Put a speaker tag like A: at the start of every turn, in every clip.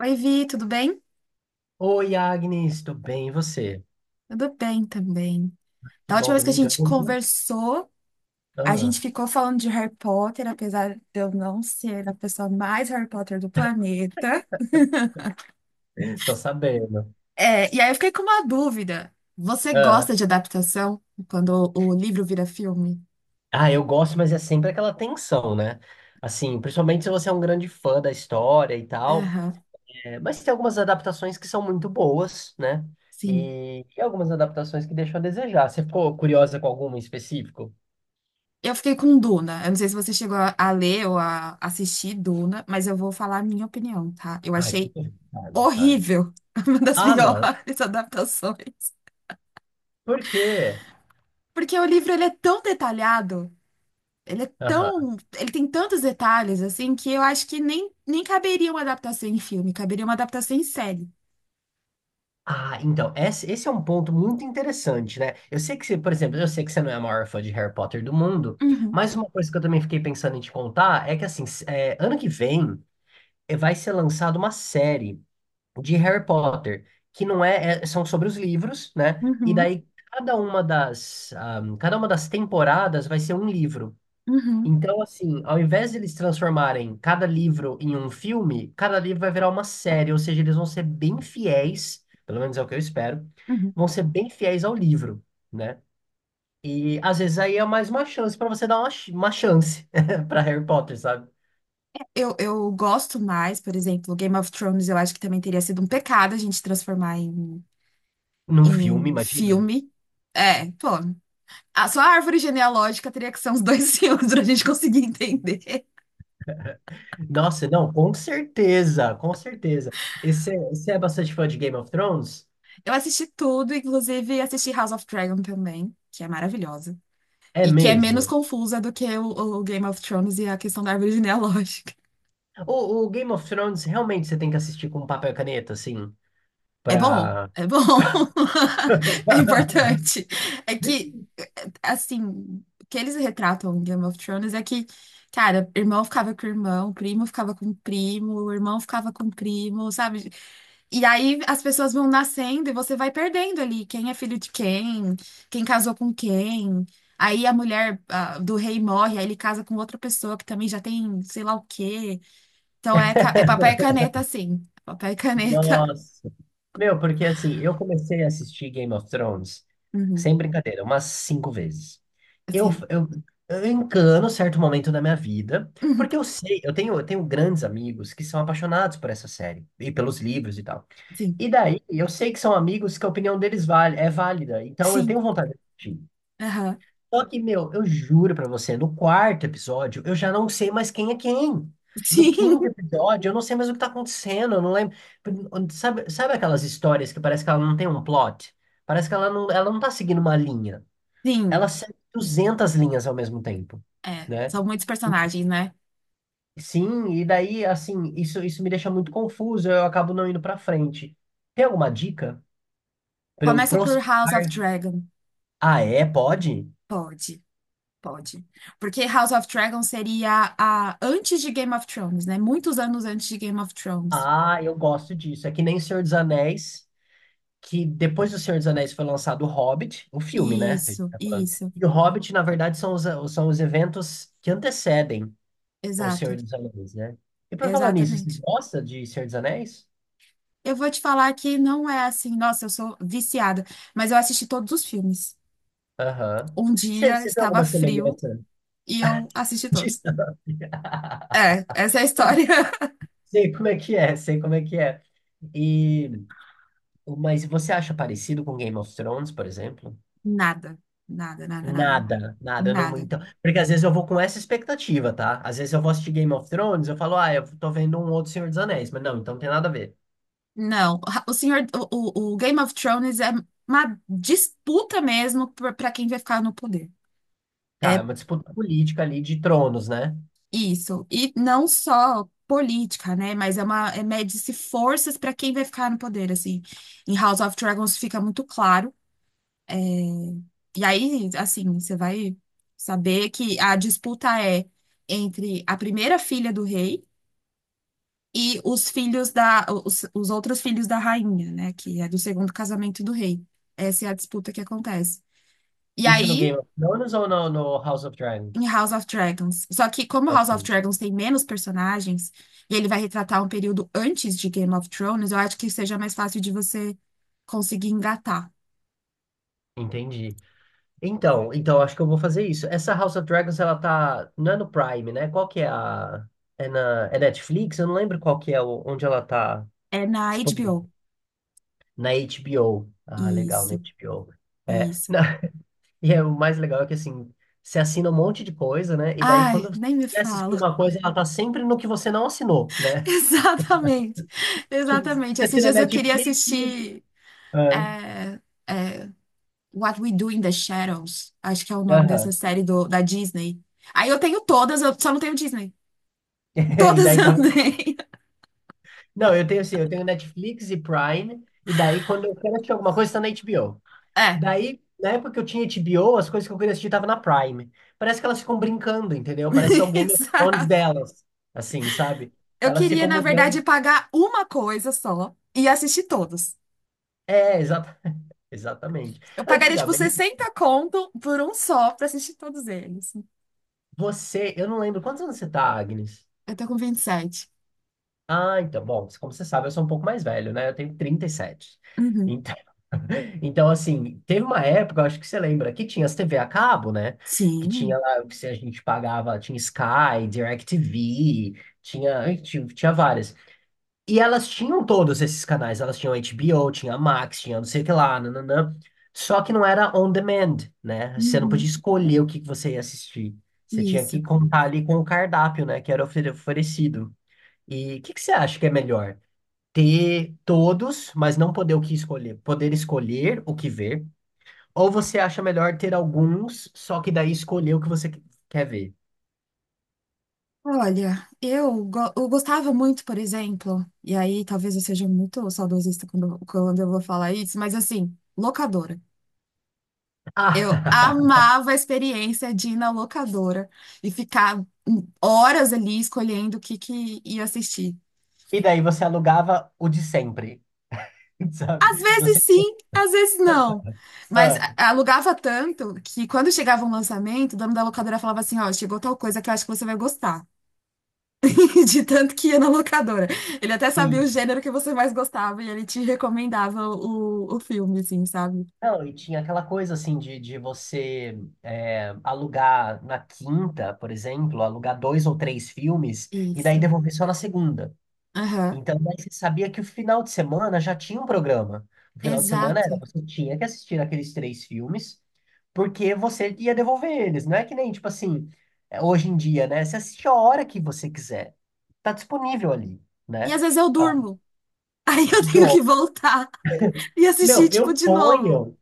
A: Oi, Vi, tudo bem?
B: Oi, Agnes, tudo bem? E você?
A: Tudo bem também.
B: Que
A: Da última
B: bom,
A: vez que a
B: domingão,
A: gente
B: né?
A: conversou, a
B: Ah,
A: gente ficou falando de Harry Potter, apesar de eu não ser a pessoa mais Harry Potter do planeta.
B: tô sabendo.
A: É, e aí eu fiquei com uma dúvida. Você
B: Ah.
A: gosta de adaptação quando o livro vira filme?
B: Ah, eu gosto, mas é sempre aquela tensão, né? Assim, principalmente se você é um grande fã da história e tal.
A: Aham,
B: É, mas tem algumas adaptações que são muito boas, né?
A: sim.
B: E algumas adaptações que deixam a desejar. Você ficou curiosa com alguma em específico?
A: Eu fiquei com Duna. Eu não sei se você chegou a ler ou a assistir Duna, mas eu vou falar a minha opinião, tá? Eu
B: Ai, por
A: achei
B: favor, fale, fale.
A: horrível, uma das
B: Ah, não.
A: piores adaptações.
B: Por quê?
A: Porque o livro ele é tão detalhado, ele é tão, ele tem tantos detalhes assim que eu acho que nem caberia uma adaptação em filme, caberia uma adaptação em série.
B: Ah, então, esse é um ponto muito interessante, né? Eu sei que você, por exemplo, eu sei que você não é a maior fã de Harry Potter do mundo,
A: Uhum,
B: mas uma coisa que eu também fiquei pensando em te contar é que, assim, é, ano que vem vai ser lançada uma série de Harry Potter, que não é, são sobre os livros, né? E
A: uhum,
B: daí cada uma das temporadas vai ser um livro.
A: uhum,
B: Então, assim, ao invés de eles transformarem cada livro em um filme, cada livro vai virar uma série, ou seja, eles vão ser bem fiéis, pelo menos é o que eu espero,
A: uhum.
B: vão ser bem fiéis ao livro, né? E às vezes aí é mais uma chance pra você dar uma chance pra Harry Potter, sabe?
A: Eu gosto mais, por exemplo, Game of Thrones, eu acho que também teria sido um pecado a gente transformar em,
B: Num filme,
A: em
B: imagina.
A: filme. É, pô, a, só a árvore genealógica teria que ser uns dois filmes pra gente conseguir entender.
B: Nossa, não, com certeza, com certeza. E você é bastante fã de Game of Thrones?
A: Eu assisti tudo, inclusive assisti House of Dragon também, que é maravilhosa.
B: É
A: E que é menos
B: mesmo.
A: confusa do que o Game of Thrones e a questão da árvore genealógica.
B: O Game of Thrones realmente você tem que assistir com papel e caneta, assim,
A: É bom,
B: pra.
A: é bom. É importante. É que, assim, o que eles retratam em Game of Thrones é que, cara, irmão ficava com irmão, primo ficava com primo, irmão ficava com primo, sabe? E aí as pessoas vão nascendo e você vai perdendo ali quem é filho de quem, quem casou com quem. Aí a mulher, ah, do rei morre, aí ele casa com outra pessoa que também já tem sei lá o quê. Então é, é papel e caneta, sim. Papel e caneta.
B: Nossa. Meu, porque assim, eu comecei a assistir Game of Thrones,
A: Uhum.
B: sem brincadeira, umas cinco vezes. Eu,
A: Sim.
B: eu, eu encano certo momento da minha vida,
A: Uhum.
B: porque eu sei, eu tenho grandes amigos que são apaixonados por essa série e pelos livros e tal.
A: Sim.
B: E daí, eu sei que são amigos que a opinião deles vale, é válida, então eu
A: Sim.
B: tenho vontade de assistir.
A: Aham.
B: Só que, meu, eu juro pra você, no quarto episódio, eu já não sei mais quem é quem. No
A: Sim.
B: quinto episódio, eu não sei mais o que tá acontecendo, eu não lembro. Sabe, sabe aquelas histórias que parece que ela não tem um plot? Parece que ela não tá seguindo uma linha.
A: Sim.
B: Ela segue 200 linhas ao mesmo tempo,
A: É.
B: né?
A: São muitos personagens, né?
B: Sim, e daí, assim, isso me deixa muito confuso, eu acabo não indo pra frente. Tem alguma dica pra eu
A: Começa por
B: prosperar?
A: House of Dragon.
B: Ah, é? Pode?
A: Pode. Pode. Porque House of Dragon seria a antes de Game of Thrones, né? Muitos anos antes de Game of Thrones.
B: Ah, eu gosto disso. É que nem Senhor dos Anéis. Que depois do Senhor dos Anéis foi lançado O Hobbit, o filme, né? A gente
A: Isso,
B: tá falando.
A: isso.
B: E o Hobbit, na verdade, são os eventos que antecedem o Senhor
A: Exato.
B: dos Anéis, né? E por falar nisso, você
A: Exatamente.
B: gosta de Senhor dos Anéis?
A: Eu vou te falar que não é assim, nossa, eu sou viciada, mas eu assisti todos os filmes.
B: Aham.
A: Um
B: Você
A: dia
B: você vê
A: estava
B: alguma
A: frio.
B: semelhança
A: E eu assisti
B: disso?
A: todos. É, essa é a história.
B: Sei como é que é, sei como é que é. E, mas você acha parecido com Game of Thrones, por exemplo?
A: Nada, nada, nada, nada,
B: Nada, nada, eu não,
A: nada.
B: então, porque às vezes eu vou com essa expectativa, tá? Às vezes eu vou assistir Game of Thrones, eu falo, ah, eu tô vendo um outro Senhor dos Anéis, mas não, então não tem nada a ver.
A: Não, o senhor, o, o Game of Thrones é uma disputa mesmo para quem vai ficar no poder.
B: Tá, é
A: É
B: uma disputa política ali de tronos, né?
A: isso. E não só política, né? Mas é uma, é mede-se forças para quem vai ficar no poder, assim. Em House of Dragons fica muito claro. É, e aí, assim, você vai saber que a disputa é entre a primeira filha do rei e os filhos da, os outros filhos da rainha, né? Que é do segundo casamento do rei. Essa é a disputa que acontece. E
B: Isso no
A: aí,
B: Game of Thrones ou no House of
A: em
B: Dragons?
A: House of Dragons. Só que como House of
B: Ok,
A: Dragons tem menos personagens, e ele vai retratar um período antes de Game of Thrones, eu acho que seja mais fácil de você conseguir engatar.
B: entendi. Então acho que eu vou fazer isso. Essa House of Dragons, ela tá, não é no Prime, né? Qual que é a, é na, é Netflix? Eu não lembro qual que é, onde ela tá
A: É na HBO.
B: disponível. Na HBO. Ah, legal, na
A: Isso,
B: HBO. É,
A: isso.
B: não, E o mais legal é que, assim, você assina um monte de coisa, né? E daí,
A: Ai,
B: quando você
A: nem me
B: quer assistir
A: fala.
B: uma coisa, ela tá sempre no que você não assinou, né?
A: Exatamente,
B: Tipo, você
A: exatamente. Esses
B: assina
A: dias eu queria
B: Netflix...
A: assistir.
B: É,
A: é é, What We Do in the Shadows, acho que é o nome dessa
B: aham.
A: série do, da Disney. Aí eu tenho todas, eu só não tenho Disney.
B: E
A: Todas
B: daí
A: eu
B: tava...
A: tenho.
B: Não, eu tenho assim, eu tenho Netflix e Prime, e daí quando eu quero assistir alguma coisa, tá na HBO.
A: É,
B: Daí, na época que eu tinha HBO, as coisas que eu queria assistir tava na Prime. Parece que elas ficam brincando, entendeu? Parece que é o Game of Thrones
A: exato.
B: delas, assim, sabe?
A: Eu
B: Elas
A: queria,
B: ficam
A: na verdade,
B: mudando.
A: pagar uma coisa só e assistir todos.
B: É, exata... exatamente.
A: Eu pagaria, tipo,
B: Antigamente,
A: 60 conto por um só pra assistir todos eles.
B: Eu não lembro quantos anos você tá, Agnes?
A: Eu tô com 27.
B: Ah, então, bom, como você sabe, eu sou um pouco mais velho, né? Eu tenho 37.
A: Uhum.
B: Então, então assim, teve uma época, eu acho que você lembra, que tinha as TV a cabo, né? Que tinha
A: Sim.
B: lá, o que se a gente pagava, tinha Sky, DirecTV, tinha várias. E elas tinham todos esses canais, elas tinham HBO, tinha Max, tinha não sei o que lá, nananã. Só que não era on demand, né? Você não podia
A: Uhum.
B: escolher o que que você ia assistir. Você tinha
A: Isso.
B: que contar ali com o cardápio, né? Que era oferecido. E o que que você acha que é melhor? Ter todos, mas não poder o que escolher, poder escolher o que ver? Ou você acha melhor ter alguns, só que daí escolher o que você quer ver?
A: Olha, eu, eu gostava muito, por exemplo, e aí talvez eu seja muito saudosista quando, quando eu vou falar isso, mas assim, locadora. Eu
B: Ah,
A: amava a experiência de ir na locadora e ficar horas ali escolhendo o que, que ia assistir.
B: e daí você alugava o de sempre,
A: Às
B: sabe? Não sei.
A: vezes sim, às vezes não. Mas
B: Ah,
A: alugava tanto que quando chegava um lançamento, o dono da locadora falava assim: ó, chegou tal coisa que eu acho que você vai gostar. De tanto que ia na locadora. Ele até sabia o
B: sim.
A: gênero que você mais gostava e ele te recomendava o filme, assim, sabe?
B: Não, e tinha aquela coisa assim de você alugar na quinta, por exemplo, alugar dois ou três filmes e daí
A: Isso.
B: devolver só na segunda.
A: Aham.
B: Então, daí você sabia que o final de semana já tinha um programa. O final de semana era,
A: Exato.
B: você tinha que assistir aqueles três filmes, porque você ia devolver eles. Não é que nem, tipo assim, hoje em dia, né? Você assiste a hora que você quiser. Tá disponível ali,
A: E às
B: né?
A: vezes eu
B: Ah,
A: durmo. Aí eu tenho
B: do-
A: que voltar e assistir,
B: Não,
A: tipo,
B: eu
A: de novo.
B: ponho.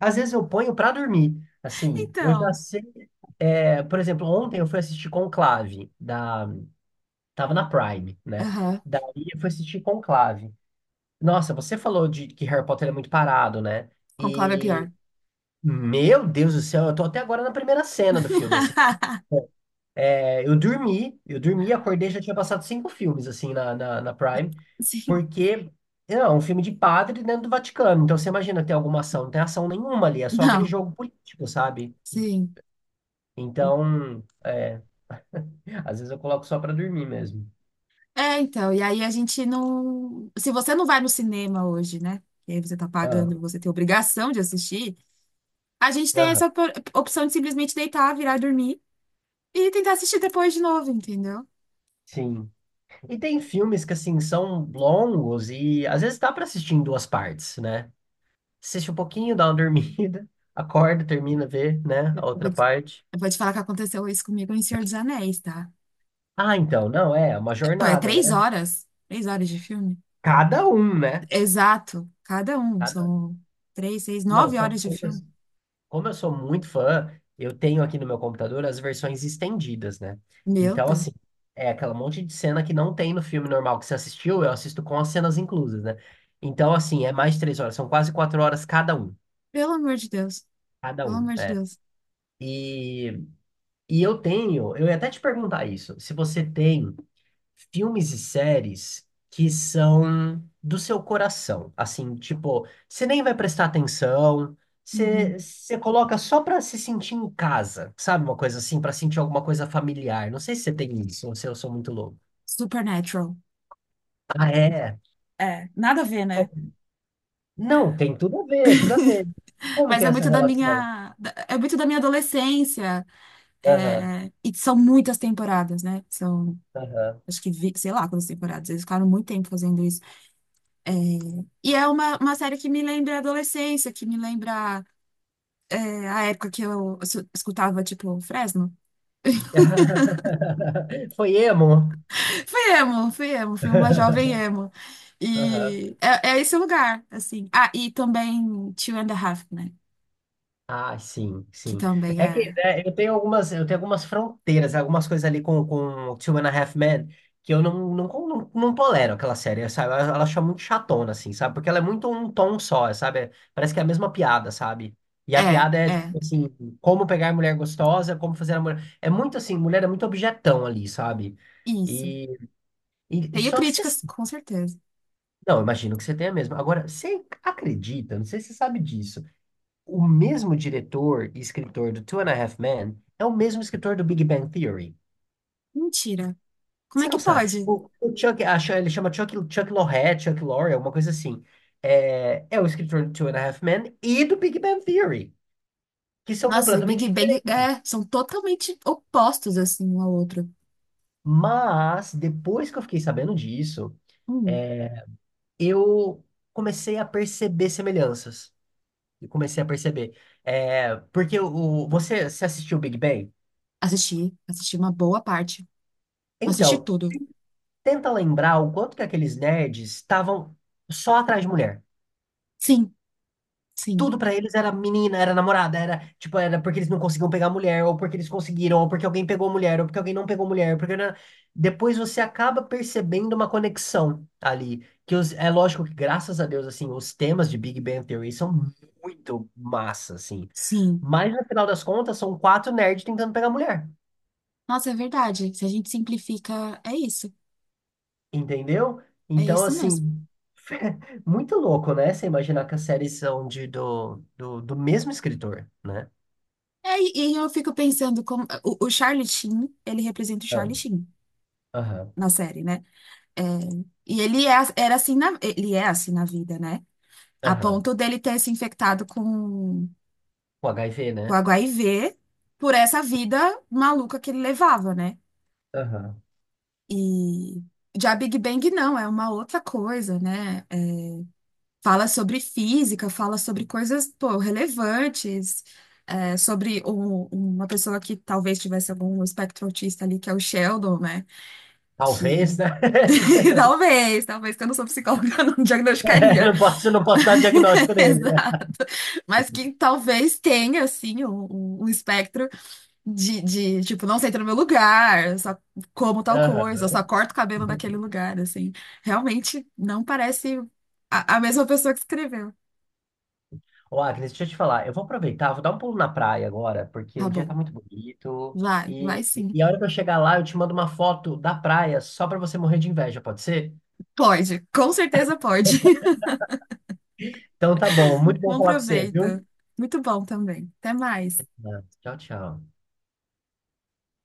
B: Às vezes eu ponho pra dormir. Assim, eu já
A: Então.
B: sei. É, por exemplo, ontem eu fui assistir Conclave da tava na Prime, né?
A: Aham.
B: Daí eu fui assistir Conclave. Nossa, você falou de que Harry Potter é muito parado, né?
A: Conclave é pior.
B: E meu Deus do céu, eu tô até agora na primeira cena do filme, assim. É, eu dormi, acordei, já tinha passado cinco filmes, assim, na Prime,
A: Sim.
B: porque é um filme de padre dentro do Vaticano. Então, você imagina ter alguma ação, não tem ação nenhuma ali, é só aquele
A: Não.
B: jogo político, sabe?
A: Sim.
B: Então, às vezes eu coloco só pra dormir mesmo.
A: É, então. E aí a gente não. Se você não vai no cinema hoje, né? E aí você tá
B: Ah,
A: pagando, você tem obrigação de assistir. A gente tem
B: aham,
A: essa opção de simplesmente deitar, virar e dormir. E tentar assistir depois de novo, entendeu?
B: sim. E tem filmes que, assim, são longos e às vezes dá pra assistir em duas partes, né? Assiste um pouquinho, dá uma dormida, acorda, termina, vê, né, a
A: Eu
B: outra
A: vou te,
B: parte.
A: eu vou te falar que aconteceu isso comigo em Senhor dos Anéis, tá?
B: Ah, então, não, é uma
A: É, pô, é
B: jornada,
A: três
B: né?
A: horas. Três horas de filme?
B: Cada um, né?
A: Exato. Cada um.
B: Cada-
A: São três, seis,
B: Não,
A: nove
B: só
A: horas
B: que
A: de
B: como eu,
A: filme.
B: como eu sou muito fã, eu tenho aqui no meu computador as versões estendidas, né?
A: Meu
B: Então,
A: Deus.
B: assim, é aquela monte de cena que não tem no filme normal que você assistiu, eu assisto com as cenas inclusas, né? Então, assim, é mais de 3 horas, são quase 4 horas cada um.
A: Pelo amor de Deus.
B: Cada
A: Pelo
B: um,
A: amor de
B: é.
A: Deus.
B: E, e eu tenho, eu ia até te perguntar isso, se você tem filmes e séries que são do seu coração. Assim, tipo, você nem vai prestar atenção,
A: Uhum.
B: você coloca só pra se sentir em casa, sabe? Uma coisa assim, pra sentir alguma coisa familiar. Não sei se você tem isso ou se eu sou muito louco.
A: Supernatural.
B: Ah, é?
A: É, nada a ver, né?
B: Não, tem tudo a ver, tudo a ver. Como
A: Mas
B: que é
A: é
B: essa
A: muito da
B: relação?
A: minha, é muito da minha adolescência.
B: Aham,
A: É, e são muitas temporadas, né? São,
B: aham.
A: acho que, sei lá quantas temporadas. Eles ficaram muito tempo fazendo isso. E é uma série que me lembra a adolescência, que me lembra é, a época que eu escutava, tipo, Fresno.
B: Foi emo?
A: Fui emo, fui emo, fui uma jovem emo.
B: Aham.
A: E é, é esse lugar, assim. Ah, e também Two and a Half, né?
B: Ah, sim,
A: Que
B: sim.
A: também
B: É que
A: é.
B: né, eu tenho algumas fronteiras, algumas coisas ali com Two and a Half Men que eu não tolero aquela série, sabe? Ela acha muito chatona, assim, sabe? Porque ela é muito um tom só, sabe? Parece que é a mesma piada, sabe? E a
A: É,
B: piada é,
A: é,
B: tipo assim, como pegar mulher gostosa, como fazer a mulher. É muito assim, mulher é muito objetão ali, sabe?
A: isso.
B: E, e
A: Tenho
B: só que você.
A: críticas, com certeza.
B: Não, imagino que você tenha mesmo. Agora, você acredita, não sei se você sabe disso. O mesmo diretor e escritor do Two and a Half Men é o mesmo escritor do Big Bang Theory.
A: Mentira. Como é
B: Você
A: que
B: não sabe.
A: pode?
B: O Chuck, ele chama Chuck, Chuck Lorre, Chuck Lorre, alguma coisa assim. É o escritor do Two and a Half Men e do Big Bang Theory, que são
A: Nossa, e
B: completamente
A: Big Bang é,
B: diferentes.
A: são totalmente opostos, assim, um ao outro.
B: Mas, depois que eu fiquei sabendo disso,
A: Hum,
B: é, eu comecei a perceber semelhanças. Eu comecei a perceber. É, porque você assistiu o Big Bang?
A: assisti, assisti uma boa parte. Assisti
B: Então,
A: tudo.
B: Tenta lembrar o quanto que aqueles nerds estavam só atrás de mulher.
A: Sim, sim.
B: Tudo pra eles era menina, era namorada, era tipo, era porque eles não conseguiam pegar mulher, ou porque eles conseguiram, ou porque alguém pegou mulher, ou porque alguém não pegou mulher, porque depois você acaba percebendo uma conexão ali, que é lógico que graças a Deus assim, os temas de Big Bang Theory são muito massa assim,
A: Sim.
B: mas no final das contas são quatro nerds tentando pegar mulher.
A: Nossa, é verdade. Se a gente simplifica, é isso.
B: Entendeu?
A: É
B: Então,
A: isso mesmo.
B: assim, muito louco, né? Você imaginar que as séries são do mesmo escritor, né?
A: É, e eu fico pensando como o Charlie Sheen, ele representa o
B: Ah,
A: Charlie Sheen
B: aham,
A: na série, né? É, e ele é, era assim na, ele é assim na vida, né? A
B: aham.
A: ponto dele ter se infectado
B: O HIV,
A: com
B: né?
A: HIV por essa vida maluca que ele levava, né?
B: Aham.
A: E já Big Bang não, é uma outra coisa, né? É, fala sobre física, fala sobre coisas, pô, relevantes, é, sobre uma pessoa que talvez tivesse algum espectro autista ali, que é o Sheldon, né?
B: Talvez,
A: Que
B: né?
A: talvez, talvez, que eu não sou psicóloga, eu não
B: Eu
A: diagnosticaria.
B: Não posso, não posso dar o diagnóstico dele, né?
A: Exato. Mas que talvez tenha, assim, um, um espectro de, tipo, não senta no meu lugar, eu só como tal coisa, eu
B: Aham.
A: só corto o cabelo naquele lugar, assim. Realmente não parece a mesma pessoa que escreveu.
B: Ô, Agnes, deixa eu te falar. Eu vou aproveitar, vou dar um pulo na praia agora, porque
A: Tá
B: o dia tá
A: bom.
B: muito bonito.
A: Vai, vai
B: E,
A: sim.
B: e a hora que eu chegar lá, eu te mando uma foto da praia só pra você morrer de inveja, pode ser?
A: Pode, com certeza pode.
B: Então tá bom. Muito bom
A: Bom
B: falar com você,
A: proveito.
B: viu?
A: Muito bom também. Até mais.
B: Tá. Tchau, tchau.